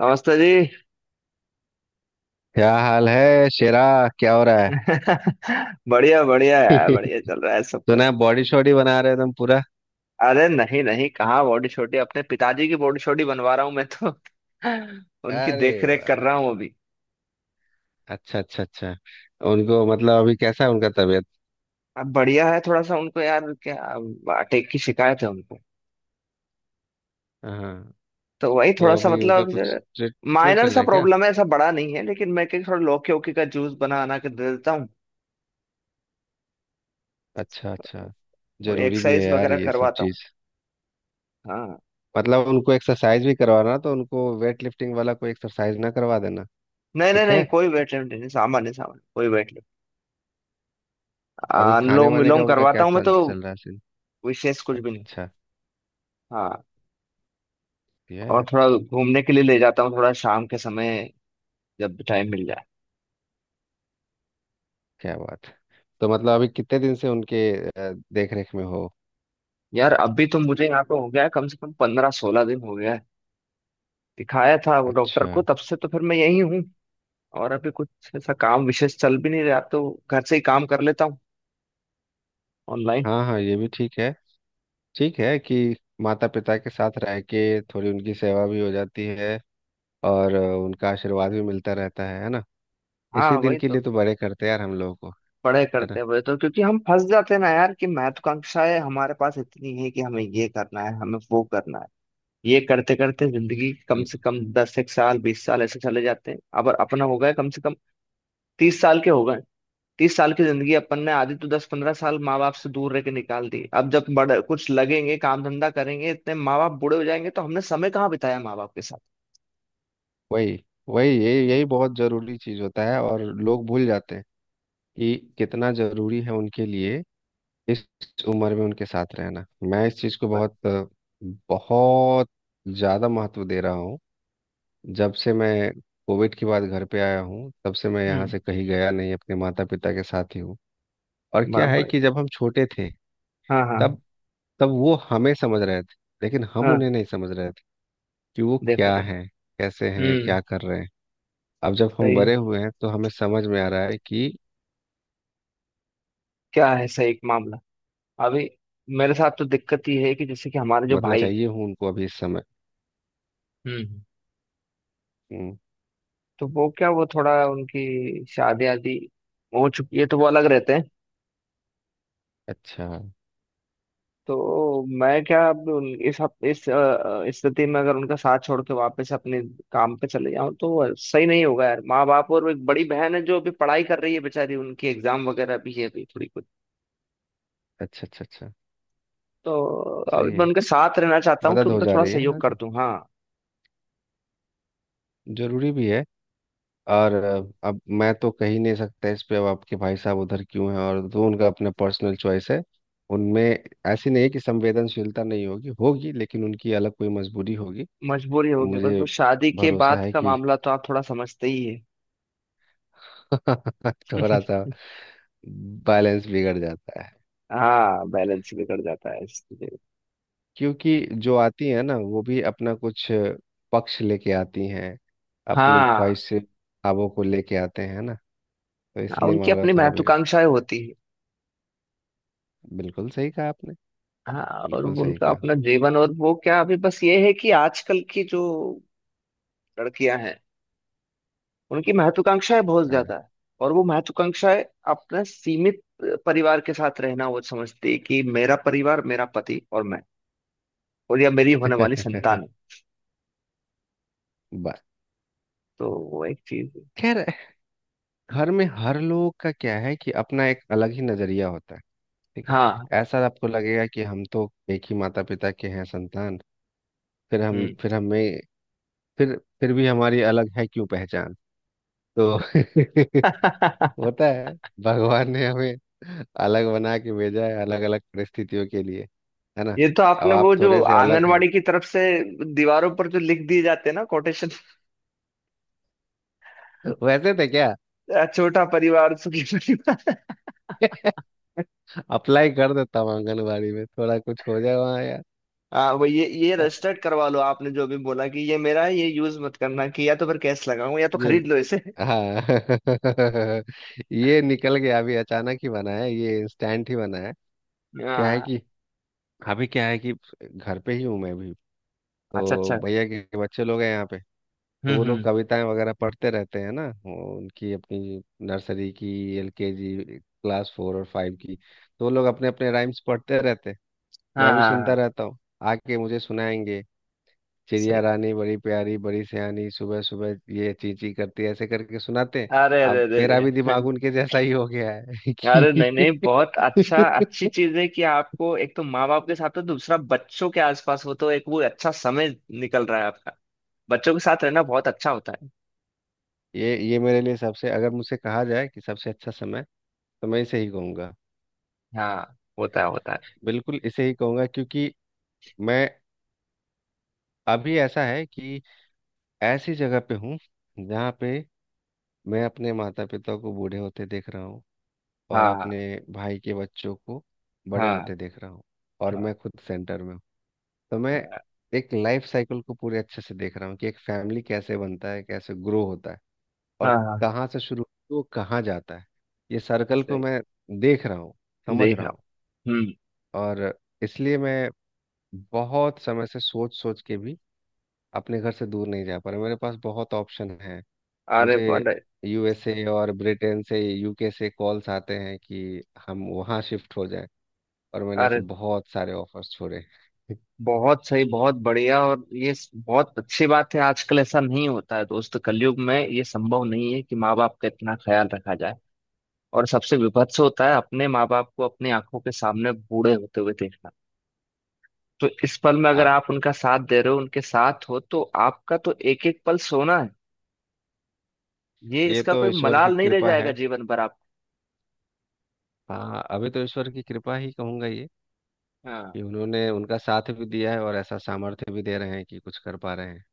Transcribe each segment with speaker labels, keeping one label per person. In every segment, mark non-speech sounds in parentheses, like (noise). Speaker 1: नमस्ते जी।
Speaker 2: क्या हाल है शेरा? क्या हो रहा है?
Speaker 1: (laughs) बढ़िया बढ़िया यार, बढ़िया
Speaker 2: (laughs)
Speaker 1: चल रहा है सब
Speaker 2: सुना
Speaker 1: कुछ।
Speaker 2: है बॉडी शॉडी बना रहे हो तुम पूरा।
Speaker 1: अरे नहीं नहीं, कहाँ बॉडी छोटी, अपने पिताजी की बॉडी छोटी बनवा रहा हूँ मैं तो। (laughs) उनकी
Speaker 2: अरे
Speaker 1: देख रेख कर रहा
Speaker 2: वाह।
Speaker 1: हूँ अभी।
Speaker 2: अच्छा अच्छा अच्छा उनको मतलब अभी कैसा है उनका तबीयत?
Speaker 1: अब बढ़िया है, थोड़ा सा उनको यार क्या अटैक की शिकायत है उनको।
Speaker 2: हाँ।
Speaker 1: तो वही थोड़ा
Speaker 2: तो
Speaker 1: सा
Speaker 2: अभी उनका कुछ
Speaker 1: मतलब
Speaker 2: ट्रीटमेंट
Speaker 1: माइनर
Speaker 2: चल रहा
Speaker 1: सा
Speaker 2: है क्या?
Speaker 1: प्रॉब्लम है, ऐसा बड़ा नहीं है, लेकिन मैं क्या थोड़ा लौकी ओकी का जूस बना बना के दे देता हूँ।
Speaker 2: अच्छा अच्छा
Speaker 1: थोड़ी
Speaker 2: जरूरी भी है
Speaker 1: एक्सरसाइज
Speaker 2: यार
Speaker 1: वगैरह
Speaker 2: ये सब
Speaker 1: करवाता हूँ।
Speaker 2: चीज।
Speaker 1: हाँ।
Speaker 2: मतलब उनको एक्सरसाइज भी करवाना तो उनको वेट लिफ्टिंग वाला कोई एक्सरसाइज ना करवा देना।
Speaker 1: नहीं नहीं
Speaker 2: ठीक
Speaker 1: नहीं
Speaker 2: है।
Speaker 1: कोई वेट लिफ्ट नहीं, सामान्य सामान्य कोई वेट लिफ्ट।
Speaker 2: अभी खाने
Speaker 1: अनुलोम
Speaker 2: वाने का
Speaker 1: विलोम
Speaker 2: उनका
Speaker 1: करवाता
Speaker 2: क्या
Speaker 1: हूँ मैं
Speaker 2: चल
Speaker 1: तो।
Speaker 2: चल रहा है सीन?
Speaker 1: विशेष कुछ भी नहीं।
Speaker 2: अच्छा।
Speaker 1: हाँ।
Speaker 2: ये
Speaker 1: और
Speaker 2: यार,
Speaker 1: थोड़ा घूमने के लिए ले जाता हूँ, थोड़ा शाम के समय, जब टाइम मिल जाए।
Speaker 2: क्या बात है। तो मतलब अभी कितने दिन से उनके देख रेख में हो?
Speaker 1: यार अभी तो मुझे यहाँ पे हो गया है कम से कम 15-16 दिन हो गया है, दिखाया था वो डॉक्टर
Speaker 2: अच्छा।
Speaker 1: को, तब से तो फिर मैं यही हूँ। और अभी कुछ ऐसा काम विशेष चल भी नहीं रहा, तो घर से ही काम कर लेता हूँ, ऑनलाइन।
Speaker 2: हाँ हाँ, ये भी ठीक है। ठीक है कि माता पिता के साथ रह के थोड़ी उनकी सेवा भी हो जाती है, और उनका आशीर्वाद भी मिलता रहता है ना। इसी
Speaker 1: हाँ
Speaker 2: दिन
Speaker 1: वही
Speaker 2: के लिए
Speaker 1: तो।
Speaker 2: तो बड़े करते हैं यार हम लोगों को,
Speaker 1: पढ़े
Speaker 2: है
Speaker 1: करते
Speaker 2: ना।
Speaker 1: हैं वही तो, क्योंकि हम फंस जाते हैं ना यार कि महत्वाकांक्षाएं हमारे पास इतनी है कि हमें ये करना है, हमें वो करना है। ये करते करते जिंदगी कम से
Speaker 2: बिल्कुल।
Speaker 1: कम दस एक साल, 20 साल ऐसे चले जाते हैं, अब अपना हो गया कम से कम 30 साल के हो गए। 30 साल की जिंदगी अपन ने आधी तो 10-15 साल माँ बाप से दूर रह के निकाल दी, अब जब बड़े कुछ लगेंगे, काम धंधा करेंगे, इतने माँ बाप बूढ़े हो जाएंगे, तो हमने समय कहाँ बिताया माँ बाप के साथ।
Speaker 2: वही वही यही यही बहुत जरूरी चीज होता है और लोग भूल जाते हैं कि कितना जरूरी है उनके लिए इस उम्र में उनके साथ रहना। मैं इस चीज को बहुत बहुत ज्यादा महत्व दे रहा हूँ। जब से मैं कोविड के बाद घर पे आया हूँ तब से मैं यहाँ
Speaker 1: हम्म।
Speaker 2: से कहीं गया नहीं, अपने माता पिता के साथ ही हूँ। और
Speaker 1: बाप
Speaker 2: क्या है
Speaker 1: भाई।
Speaker 2: कि जब हम छोटे थे
Speaker 1: हाँ हाँ।
Speaker 2: तब तब वो हमें समझ रहे थे, लेकिन हम उन्हें
Speaker 1: हाँ।
Speaker 2: नहीं समझ रहे थे कि वो
Speaker 1: देखो
Speaker 2: क्या
Speaker 1: भाई।
Speaker 2: है, कैसे हैं,
Speaker 1: हम्म।
Speaker 2: क्या कर रहे हैं। अब जब हम
Speaker 1: सही।
Speaker 2: बड़े हुए हैं तो हमें समझ में आ रहा है कि
Speaker 1: क्या है, सही एक मामला। अभी मेरे साथ तो दिक्कत ये है कि जैसे कि हमारे जो
Speaker 2: मतलब
Speaker 1: भाई हैं,
Speaker 2: चाहिए हूँ उनको अभी इस समय।
Speaker 1: हम्म,
Speaker 2: हम्म।
Speaker 1: तो वो क्या, वो थोड़ा उनकी शादी आदि हो चुकी है, तो वो अलग रहते हैं।
Speaker 2: अच्छा
Speaker 1: तो मैं क्या अब उन- इस हफ- इस अ, स्थिति में अगर उनका साथ छोड़ के वापस अपने काम पे चले जाऊं तो सही नहीं होगा, यार माँ बाप, और वो एक बड़ी बहन है जो अभी पढ़ाई कर रही है बेचारी, उनकी एग्जाम वगैरह भी है अभी, थोड़ी कुछ।
Speaker 2: अच्छा अच्छा अच्छा
Speaker 1: तो अभी
Speaker 2: सही
Speaker 1: मैं
Speaker 2: है।
Speaker 1: उनके साथ रहना चाहता हूँ कि
Speaker 2: मदद हो
Speaker 1: उनका
Speaker 2: जा
Speaker 1: थोड़ा
Speaker 2: रही है, हाँ
Speaker 1: सहयोग कर
Speaker 2: जी।
Speaker 1: दूं। हाँ।
Speaker 2: जरूरी भी है। और अब मैं तो कह ही नहीं सकता इस पे। अब आपके भाई साहब उधर क्यों हैं और जो उनका अपना पर्सनल चॉइस है उनमें, ऐसी नहीं है कि संवेदनशीलता नहीं होगी, होगी, लेकिन उनकी अलग कोई मजबूरी होगी।
Speaker 1: मजबूरी होगी, बस
Speaker 2: मुझे
Speaker 1: वो शादी के
Speaker 2: भरोसा
Speaker 1: बाद
Speaker 2: है
Speaker 1: का
Speaker 2: कि
Speaker 1: मामला तो आप थोड़ा समझते ही है।
Speaker 2: (laughs) थोड़ा सा बैलेंस बिगड़ जाता है,
Speaker 1: हाँ बैलेंस बिगड़ जाता है इसलिए।
Speaker 2: क्योंकि जो आती है ना वो भी अपना कुछ पक्ष लेके आती हैं, अपनी
Speaker 1: हाँ
Speaker 2: ख्वाहिश से ख्वाबों को लेके आते हैं ना, तो
Speaker 1: हाँ,
Speaker 2: इसलिए
Speaker 1: उनकी
Speaker 2: मामला
Speaker 1: अपनी
Speaker 2: थोड़ा बिगड़
Speaker 1: महत्वाकांक्षाएं
Speaker 2: जाता है।
Speaker 1: होती।
Speaker 2: बिल्कुल सही कहा आपने,
Speaker 1: हाँ। और
Speaker 2: बिल्कुल सही
Speaker 1: उनका
Speaker 2: कहा।
Speaker 1: अपना जीवन, और वो क्या, अभी बस ये है कि आजकल की जो लड़कियां हैं, उनकी महत्वाकांक्षाएं बहुत ज्यादा
Speaker 2: हाँ।
Speaker 1: है। और वो महत्वाकांक्षाएं, अपने सीमित परिवार के साथ रहना, वो समझती है कि मेरा परिवार मेरा पति और मैं, और या मेरी होने वाली
Speaker 2: (laughs)
Speaker 1: संतान है।
Speaker 2: बस,
Speaker 1: तो वो एक चीज है।
Speaker 2: खैर। घर में हर लोग का क्या है कि अपना एक अलग ही नजरिया होता है। ठीक है।
Speaker 1: हाँ।
Speaker 2: ऐसा आपको लगेगा कि हम तो एक ही माता पिता के हैं संतान, फिर हम
Speaker 1: हम्म।
Speaker 2: फिर हमें फिर भी हमारी अलग है क्यों पहचान। तो (laughs)
Speaker 1: (laughs)
Speaker 2: होता है। भगवान ने हमें अलग बना के भेजा है, अलग अलग परिस्थितियों के लिए, है ना।
Speaker 1: ये तो
Speaker 2: अब
Speaker 1: आपने,
Speaker 2: आप
Speaker 1: वो जो
Speaker 2: थोड़े से अलग हैं।
Speaker 1: आंगनवाड़ी की तरफ से दीवारों पर जो लिख दिए जाते हैं ना कोटेशन,
Speaker 2: (laughs) वैसे थे क्या?
Speaker 1: छोटा परिवार सुखी परिवार।
Speaker 2: (laughs) अप्लाई कर देता हूँ आंगनबाड़ी में, थोड़ा कुछ हो जाए वहाँ यार।
Speaker 1: हाँ वो ये रजिस्टर्ड करवा लो आपने जो अभी बोला कि ये मेरा है ये यूज मत करना, कि या तो फिर कैश लगाऊं, या तो
Speaker 2: ये,
Speaker 1: खरीद लो इसे।
Speaker 2: हाँ (laughs) ये निकल गया अभी, अचानक ही बना है ये, इंस्टेंट ही बना है। क्या है
Speaker 1: हाँ।
Speaker 2: कि क्या है कि घर पे ही हूँ मैं भी,
Speaker 1: अच्छा
Speaker 2: तो
Speaker 1: अच्छा।
Speaker 2: भैया के बच्चे लोग हैं यहाँ पे। तो वो लोग
Speaker 1: हम्म।
Speaker 2: कविताएं वगैरह पढ़ते रहते हैं ना, वो उनकी अपनी नर्सरी की, एलकेजी, क्लास 4 और 5 की। तो वो लोग अपने अपने राइम्स पढ़ते रहते हैं,
Speaker 1: हाँ
Speaker 2: मैं भी
Speaker 1: हाँ
Speaker 2: सुनता
Speaker 1: हाँ।
Speaker 2: रहता हूँ। आके मुझे सुनाएंगे, चिड़िया
Speaker 1: सही।
Speaker 2: रानी बड़ी प्यारी बड़ी सयानी सुबह सुबह ये ची ची करती है, ऐसे करके सुनाते हैं।
Speaker 1: अरे अरे
Speaker 2: अब
Speaker 1: अरे
Speaker 2: मेरा
Speaker 1: अरे।
Speaker 2: भी दिमाग उनके जैसा ही हो गया है। (laughs)
Speaker 1: अरे
Speaker 2: कि
Speaker 1: नहीं नहीं, बहुत अच्छा, अच्छी चीज है कि आपको एक तो माँ बाप के साथ हो, दूसरा बच्चों के आसपास हो, तो एक वो अच्छा समय निकल रहा है आपका। बच्चों के साथ रहना बहुत अच्छा होता है।
Speaker 2: ये मेरे लिए सबसे, अगर मुझसे कहा जाए कि सबसे अच्छा समय, तो मैं इसे ही कहूंगा,
Speaker 1: हाँ होता है होता है।
Speaker 2: बिल्कुल इसे ही कहूंगा। क्योंकि मैं अभी ऐसा है कि ऐसी जगह पे हूँ जहाँ पे मैं अपने माता पिता को बूढ़े होते देख रहा हूँ, और अपने
Speaker 1: हाँ
Speaker 2: भाई के बच्चों को बड़े
Speaker 1: हाँ
Speaker 2: होते देख रहा हूँ, और
Speaker 1: हाँ।
Speaker 2: मैं खुद सेंटर में हूँ। तो मैं एक लाइफ साइकिल को पूरे अच्छे से देख रहा हूँ कि एक फैमिली कैसे बनता है, कैसे ग्रो होता है, और
Speaker 1: हाँ हाँ।
Speaker 2: कहाँ से शुरू होती है, वो कहाँ जाता है। ये सर्कल को
Speaker 1: सही।
Speaker 2: मैं देख रहा हूँ, समझ
Speaker 1: देख
Speaker 2: रहा
Speaker 1: रहा
Speaker 2: हूँ।
Speaker 1: हूँ। हम्म।
Speaker 2: और इसलिए मैं बहुत समय से सोच सोच के भी अपने घर से दूर नहीं जा पा रहा। मेरे पास बहुत ऑप्शन है,
Speaker 1: अरे
Speaker 2: मुझे
Speaker 1: अरे
Speaker 2: यूएसए और ब्रिटेन से, यूके से कॉल्स आते हैं कि हम वहाँ शिफ्ट हो जाएं, और मैंने
Speaker 1: अरे।
Speaker 2: ऐसे बहुत सारे ऑफर्स छोड़े। (laughs)
Speaker 1: बहुत सही, बहुत बढ़िया, और बहुत अच्छी बात है आजकल ऐसा नहीं होता है दोस्त, कलयुग में ये संभव नहीं है कि माँ बाप का इतना ख्याल रखा जाए। और सबसे विभत्स होता है अपने माँ बाप को अपनी आंखों के सामने बूढ़े होते हुए देखना, तो इस पल में अगर
Speaker 2: हाँ,
Speaker 1: आप उनका साथ दे रहे हो, उनके साथ हो, तो आपका तो एक एक पल सोना है। ये
Speaker 2: ये
Speaker 1: इसका
Speaker 2: तो
Speaker 1: कोई
Speaker 2: ईश्वर की
Speaker 1: मलाल नहीं रह
Speaker 2: कृपा
Speaker 1: जाएगा
Speaker 2: है।
Speaker 1: जीवन भर आप।
Speaker 2: हाँ, अभी तो ईश्वर की कृपा ही कहूंगा ये,
Speaker 1: हाँ।
Speaker 2: कि उन्होंने उनका साथ भी दिया है और ऐसा सामर्थ्य भी दे रहे हैं कि कुछ कर पा रहे हैं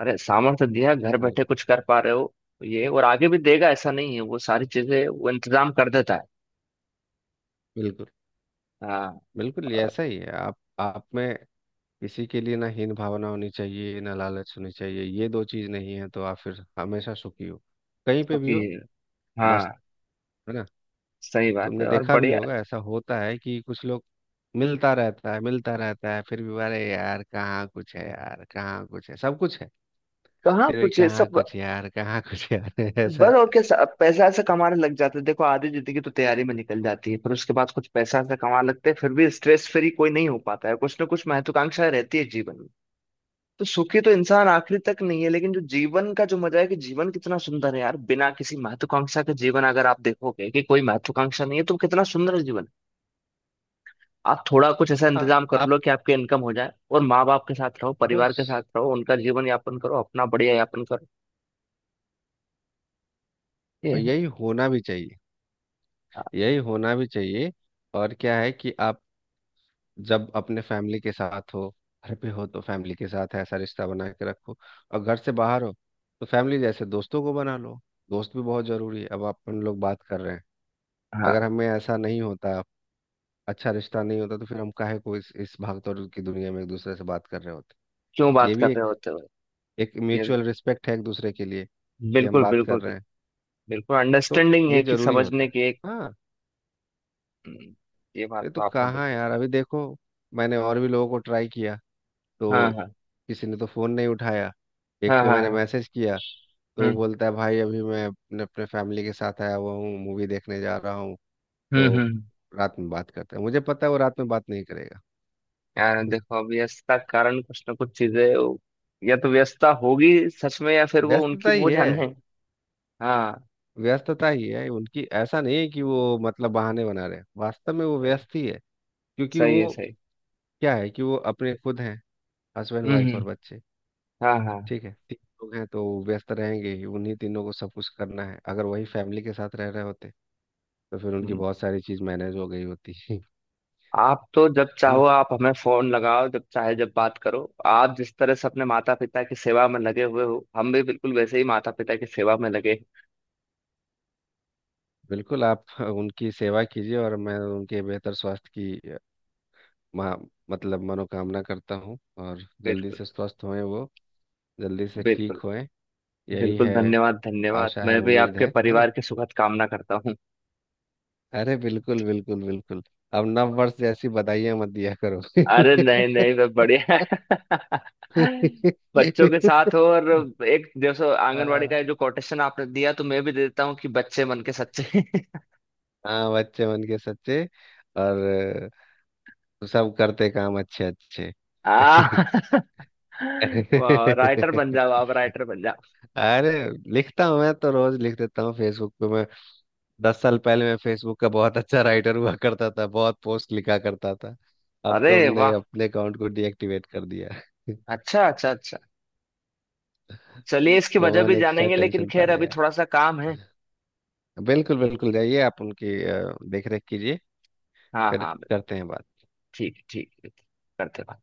Speaker 1: अरे सामर्थ्य दिया घर
Speaker 2: वो।
Speaker 1: बैठे कुछ कर पा रहे हो, ये और आगे भी देगा ऐसा नहीं है, वो सारी चीजें वो इंतजाम कर देता है।
Speaker 2: बिल्कुल,
Speaker 1: हाँ।
Speaker 2: बिल्कुल। ये ऐसा ही है, आप में किसी के लिए ना हीन भावना होनी चाहिए, ना लालच होनी चाहिए। ये दो चीज नहीं है तो आप फिर हमेशा सुखी हो, कहीं पे भी
Speaker 1: क्योंकि।
Speaker 2: हो,
Speaker 1: हाँ।
Speaker 2: मस्त। है ना।
Speaker 1: सही बात है,
Speaker 2: तुमने
Speaker 1: और
Speaker 2: देखा भी
Speaker 1: बढ़िया।
Speaker 2: होगा ऐसा होता है कि कुछ लोग, मिलता रहता है, मिलता रहता है, फिर भी अरे यार कहाँ कुछ है यार, कहाँ कुछ है, सब कुछ है,
Speaker 1: कहाँ
Speaker 2: फिर भी
Speaker 1: कुछ है
Speaker 2: कहाँ
Speaker 1: सब।
Speaker 2: कुछ यार, कहाँ कुछ यार, (laughs) ऐसा।
Speaker 1: बस और क्या, पैसा ऐसा कमाने लग जाते हैं देखो, आधी जिंदगी तो तैयारी में निकल जाती है, फिर उसके बाद कुछ पैसा ऐसा कमाने लगते हैं, फिर भी स्ट्रेस फ्री कोई नहीं हो पाता है, कुछ ना कुछ महत्वाकांक्षा रहती है जीवन में। तो सुखी तो इंसान आखिरी तक नहीं है, लेकिन जो जीवन का जो मजा है, कि जीवन कितना सुंदर है यार बिना किसी महत्वाकांक्षा के, जीवन अगर आप देखोगे कि कोई महत्वाकांक्षा नहीं है तो कितना सुंदर जीवन है। आप थोड़ा कुछ ऐसा
Speaker 2: हाँ,
Speaker 1: इंतजाम कर
Speaker 2: आप,
Speaker 1: लो कि आपके इनकम हो जाए, और माँ बाप के साथ रहो, परिवार
Speaker 2: बस
Speaker 1: के साथ रहो, उनका जीवन यापन करो, अपना बढ़िया यापन करो। ये है।
Speaker 2: यही होना भी चाहिए,
Speaker 1: हाँ
Speaker 2: यही होना भी चाहिए। और क्या है कि आप जब अपने फैमिली के साथ हो, घर पे हो, तो फैमिली के साथ ऐसा रिश्ता बना के रखो, और घर से बाहर हो तो फैमिली जैसे दोस्तों को बना लो। दोस्त भी बहुत जरूरी है। अब अपन लोग बात कर रहे हैं,
Speaker 1: हाँ,
Speaker 2: अगर हमें ऐसा नहीं होता, अच्छा रिश्ता नहीं होता, तो फिर हम काहे को इस भागदौड़ की दुनिया में एक दूसरे से बात कर रहे होते।
Speaker 1: क्यों
Speaker 2: ये
Speaker 1: बात
Speaker 2: भी
Speaker 1: कर
Speaker 2: एक,
Speaker 1: रहे होते हो।
Speaker 2: एक
Speaker 1: ये।
Speaker 2: म्यूचुअल रिस्पेक्ट है एक दूसरे के लिए, कि हम
Speaker 1: बिल्कुल
Speaker 2: बात कर
Speaker 1: बिल्कुल बिल्कुल।
Speaker 2: रहे हैं।
Speaker 1: बिल्कुल
Speaker 2: तो
Speaker 1: अंडरस्टैंडिंग है
Speaker 2: ये
Speaker 1: कि
Speaker 2: जरूरी होता
Speaker 1: समझने
Speaker 2: है।
Speaker 1: की एक।
Speaker 2: हाँ,
Speaker 1: हम्म, ये बात
Speaker 2: ये तो
Speaker 1: तो आपने
Speaker 2: कहाँ
Speaker 1: बिल्कुल
Speaker 2: यार।
Speaker 1: सही।
Speaker 2: अभी देखो, मैंने और भी लोगों को ट्राई किया, तो
Speaker 1: हाँ हाँ
Speaker 2: किसी ने तो फोन नहीं उठाया।
Speaker 1: हाँ।
Speaker 2: एक
Speaker 1: हाँ
Speaker 2: को मैंने
Speaker 1: हाँ।
Speaker 2: मैसेज किया, तो वो
Speaker 1: हम्म
Speaker 2: बोलता है भाई अभी मैं अपने अपने फैमिली के साथ आया हुआ हूँ, मूवी देखने जा रहा हूँ,
Speaker 1: हम्म।
Speaker 2: तो
Speaker 1: हम्म।
Speaker 2: रात में बात करता है। मुझे पता है वो रात में बात नहीं करेगा।
Speaker 1: यार देखो अब व्यस्तता के कारण कुछ ना कुछ चीजें या तो व्यस्तता होगी सच में, या फिर वो उनकी
Speaker 2: व्यस्तता
Speaker 1: वो
Speaker 2: ही है,
Speaker 1: जाने। हाँ।
Speaker 2: व्यस्तता ही है उनकी। ऐसा नहीं है कि वो मतलब बहाने बना रहे हैं। वास्तव में वो
Speaker 1: सही।
Speaker 2: व्यस्त ही है, क्योंकि
Speaker 1: सही
Speaker 2: वो
Speaker 1: है सही।
Speaker 2: क्या है कि वो अपने खुद हैं, हस्बैंड वाइफ
Speaker 1: हम्म।
Speaker 2: और बच्चे,
Speaker 1: हाँ हाँ।
Speaker 2: ठीक है, तीन लोग हैं, तो व्यस्त रहेंगे ही। उन्हीं तीनों को सब कुछ करना है। अगर वही फैमिली के साथ रह रहे होते तो फिर उनकी
Speaker 1: हम्म।
Speaker 2: बहुत सारी चीज़ मैनेज हो गई होती। (laughs) है
Speaker 1: आप तो जब
Speaker 2: ना।
Speaker 1: चाहो आप हमें फोन लगाओ, जब चाहे, जब बात करो। आप जिस तरह से अपने माता पिता की सेवा में लगे हुए हो, हम भी बिल्कुल वैसे ही माता पिता की सेवा में लगे हैं।
Speaker 2: बिल्कुल, आप उनकी सेवा कीजिए, और मैं उनके बेहतर स्वास्थ्य की मा, मतलब मनोकामना करता हूँ। और जल्दी
Speaker 1: बिल्कुल।
Speaker 2: से स्वस्थ होएं वो, जल्दी से ठीक
Speaker 1: बिल्कुल
Speaker 2: होएं। यही
Speaker 1: बिल्कुल
Speaker 2: है।
Speaker 1: धन्यवाद धन्यवाद,
Speaker 2: आशा है,
Speaker 1: मैं भी
Speaker 2: उम्मीद
Speaker 1: आपके
Speaker 2: है ना।
Speaker 1: परिवार की सुखद कामना करता हूँ।
Speaker 2: अरे बिल्कुल बिल्कुल बिल्कुल। अब नव वर्ष जैसी बधाइयां मत दिया करो।
Speaker 1: अरे नहीं नहीं मैं बढ़िया। (laughs) बच्चों के साथ हो, और
Speaker 2: (laughs)
Speaker 1: एक जैसे आंगनवाड़ी
Speaker 2: आ,
Speaker 1: का जो कोटेशन आपने दिया, तो मैं भी दे देता हूँ कि बच्चे मन के सच्चे।
Speaker 2: हाँ, बच्चे मन के सच्चे, और सब करते काम अच्छे अच्छे।
Speaker 1: (laughs) आ। (laughs) वाह, राइटर बन
Speaker 2: (laughs)
Speaker 1: जाओ आप, राइटर बन जाओ।
Speaker 2: अरे, लिखता हूँ मैं तो, रोज लिख देता हूँ फेसबुक पे मैं। 10 साल पहले मैं फेसबुक का बहुत अच्छा राइटर हुआ करता था, बहुत पोस्ट लिखा करता था। अब तो
Speaker 1: अरे
Speaker 2: हमने
Speaker 1: वाह।
Speaker 2: अपने अकाउंट को डीएक्टिवेट कर दिया।
Speaker 1: अच्छा अच्छा अच्छा। चलिए
Speaker 2: (laughs)
Speaker 1: इसकी वजह
Speaker 2: कौन
Speaker 1: भी
Speaker 2: एक्स्ट्रा
Speaker 1: जानेंगे, लेकिन
Speaker 2: टेंशन
Speaker 1: खैर
Speaker 2: पहले
Speaker 1: अभी
Speaker 2: यार।
Speaker 1: थोड़ा सा काम है।
Speaker 2: बिल्कुल बिल्कुल, जाइए आप उनकी देख रेख कीजिए।
Speaker 1: हाँ
Speaker 2: फिर
Speaker 1: हाँ।
Speaker 2: करते हैं बात।
Speaker 1: ठीक ठीक ठीक, करते हैं बात।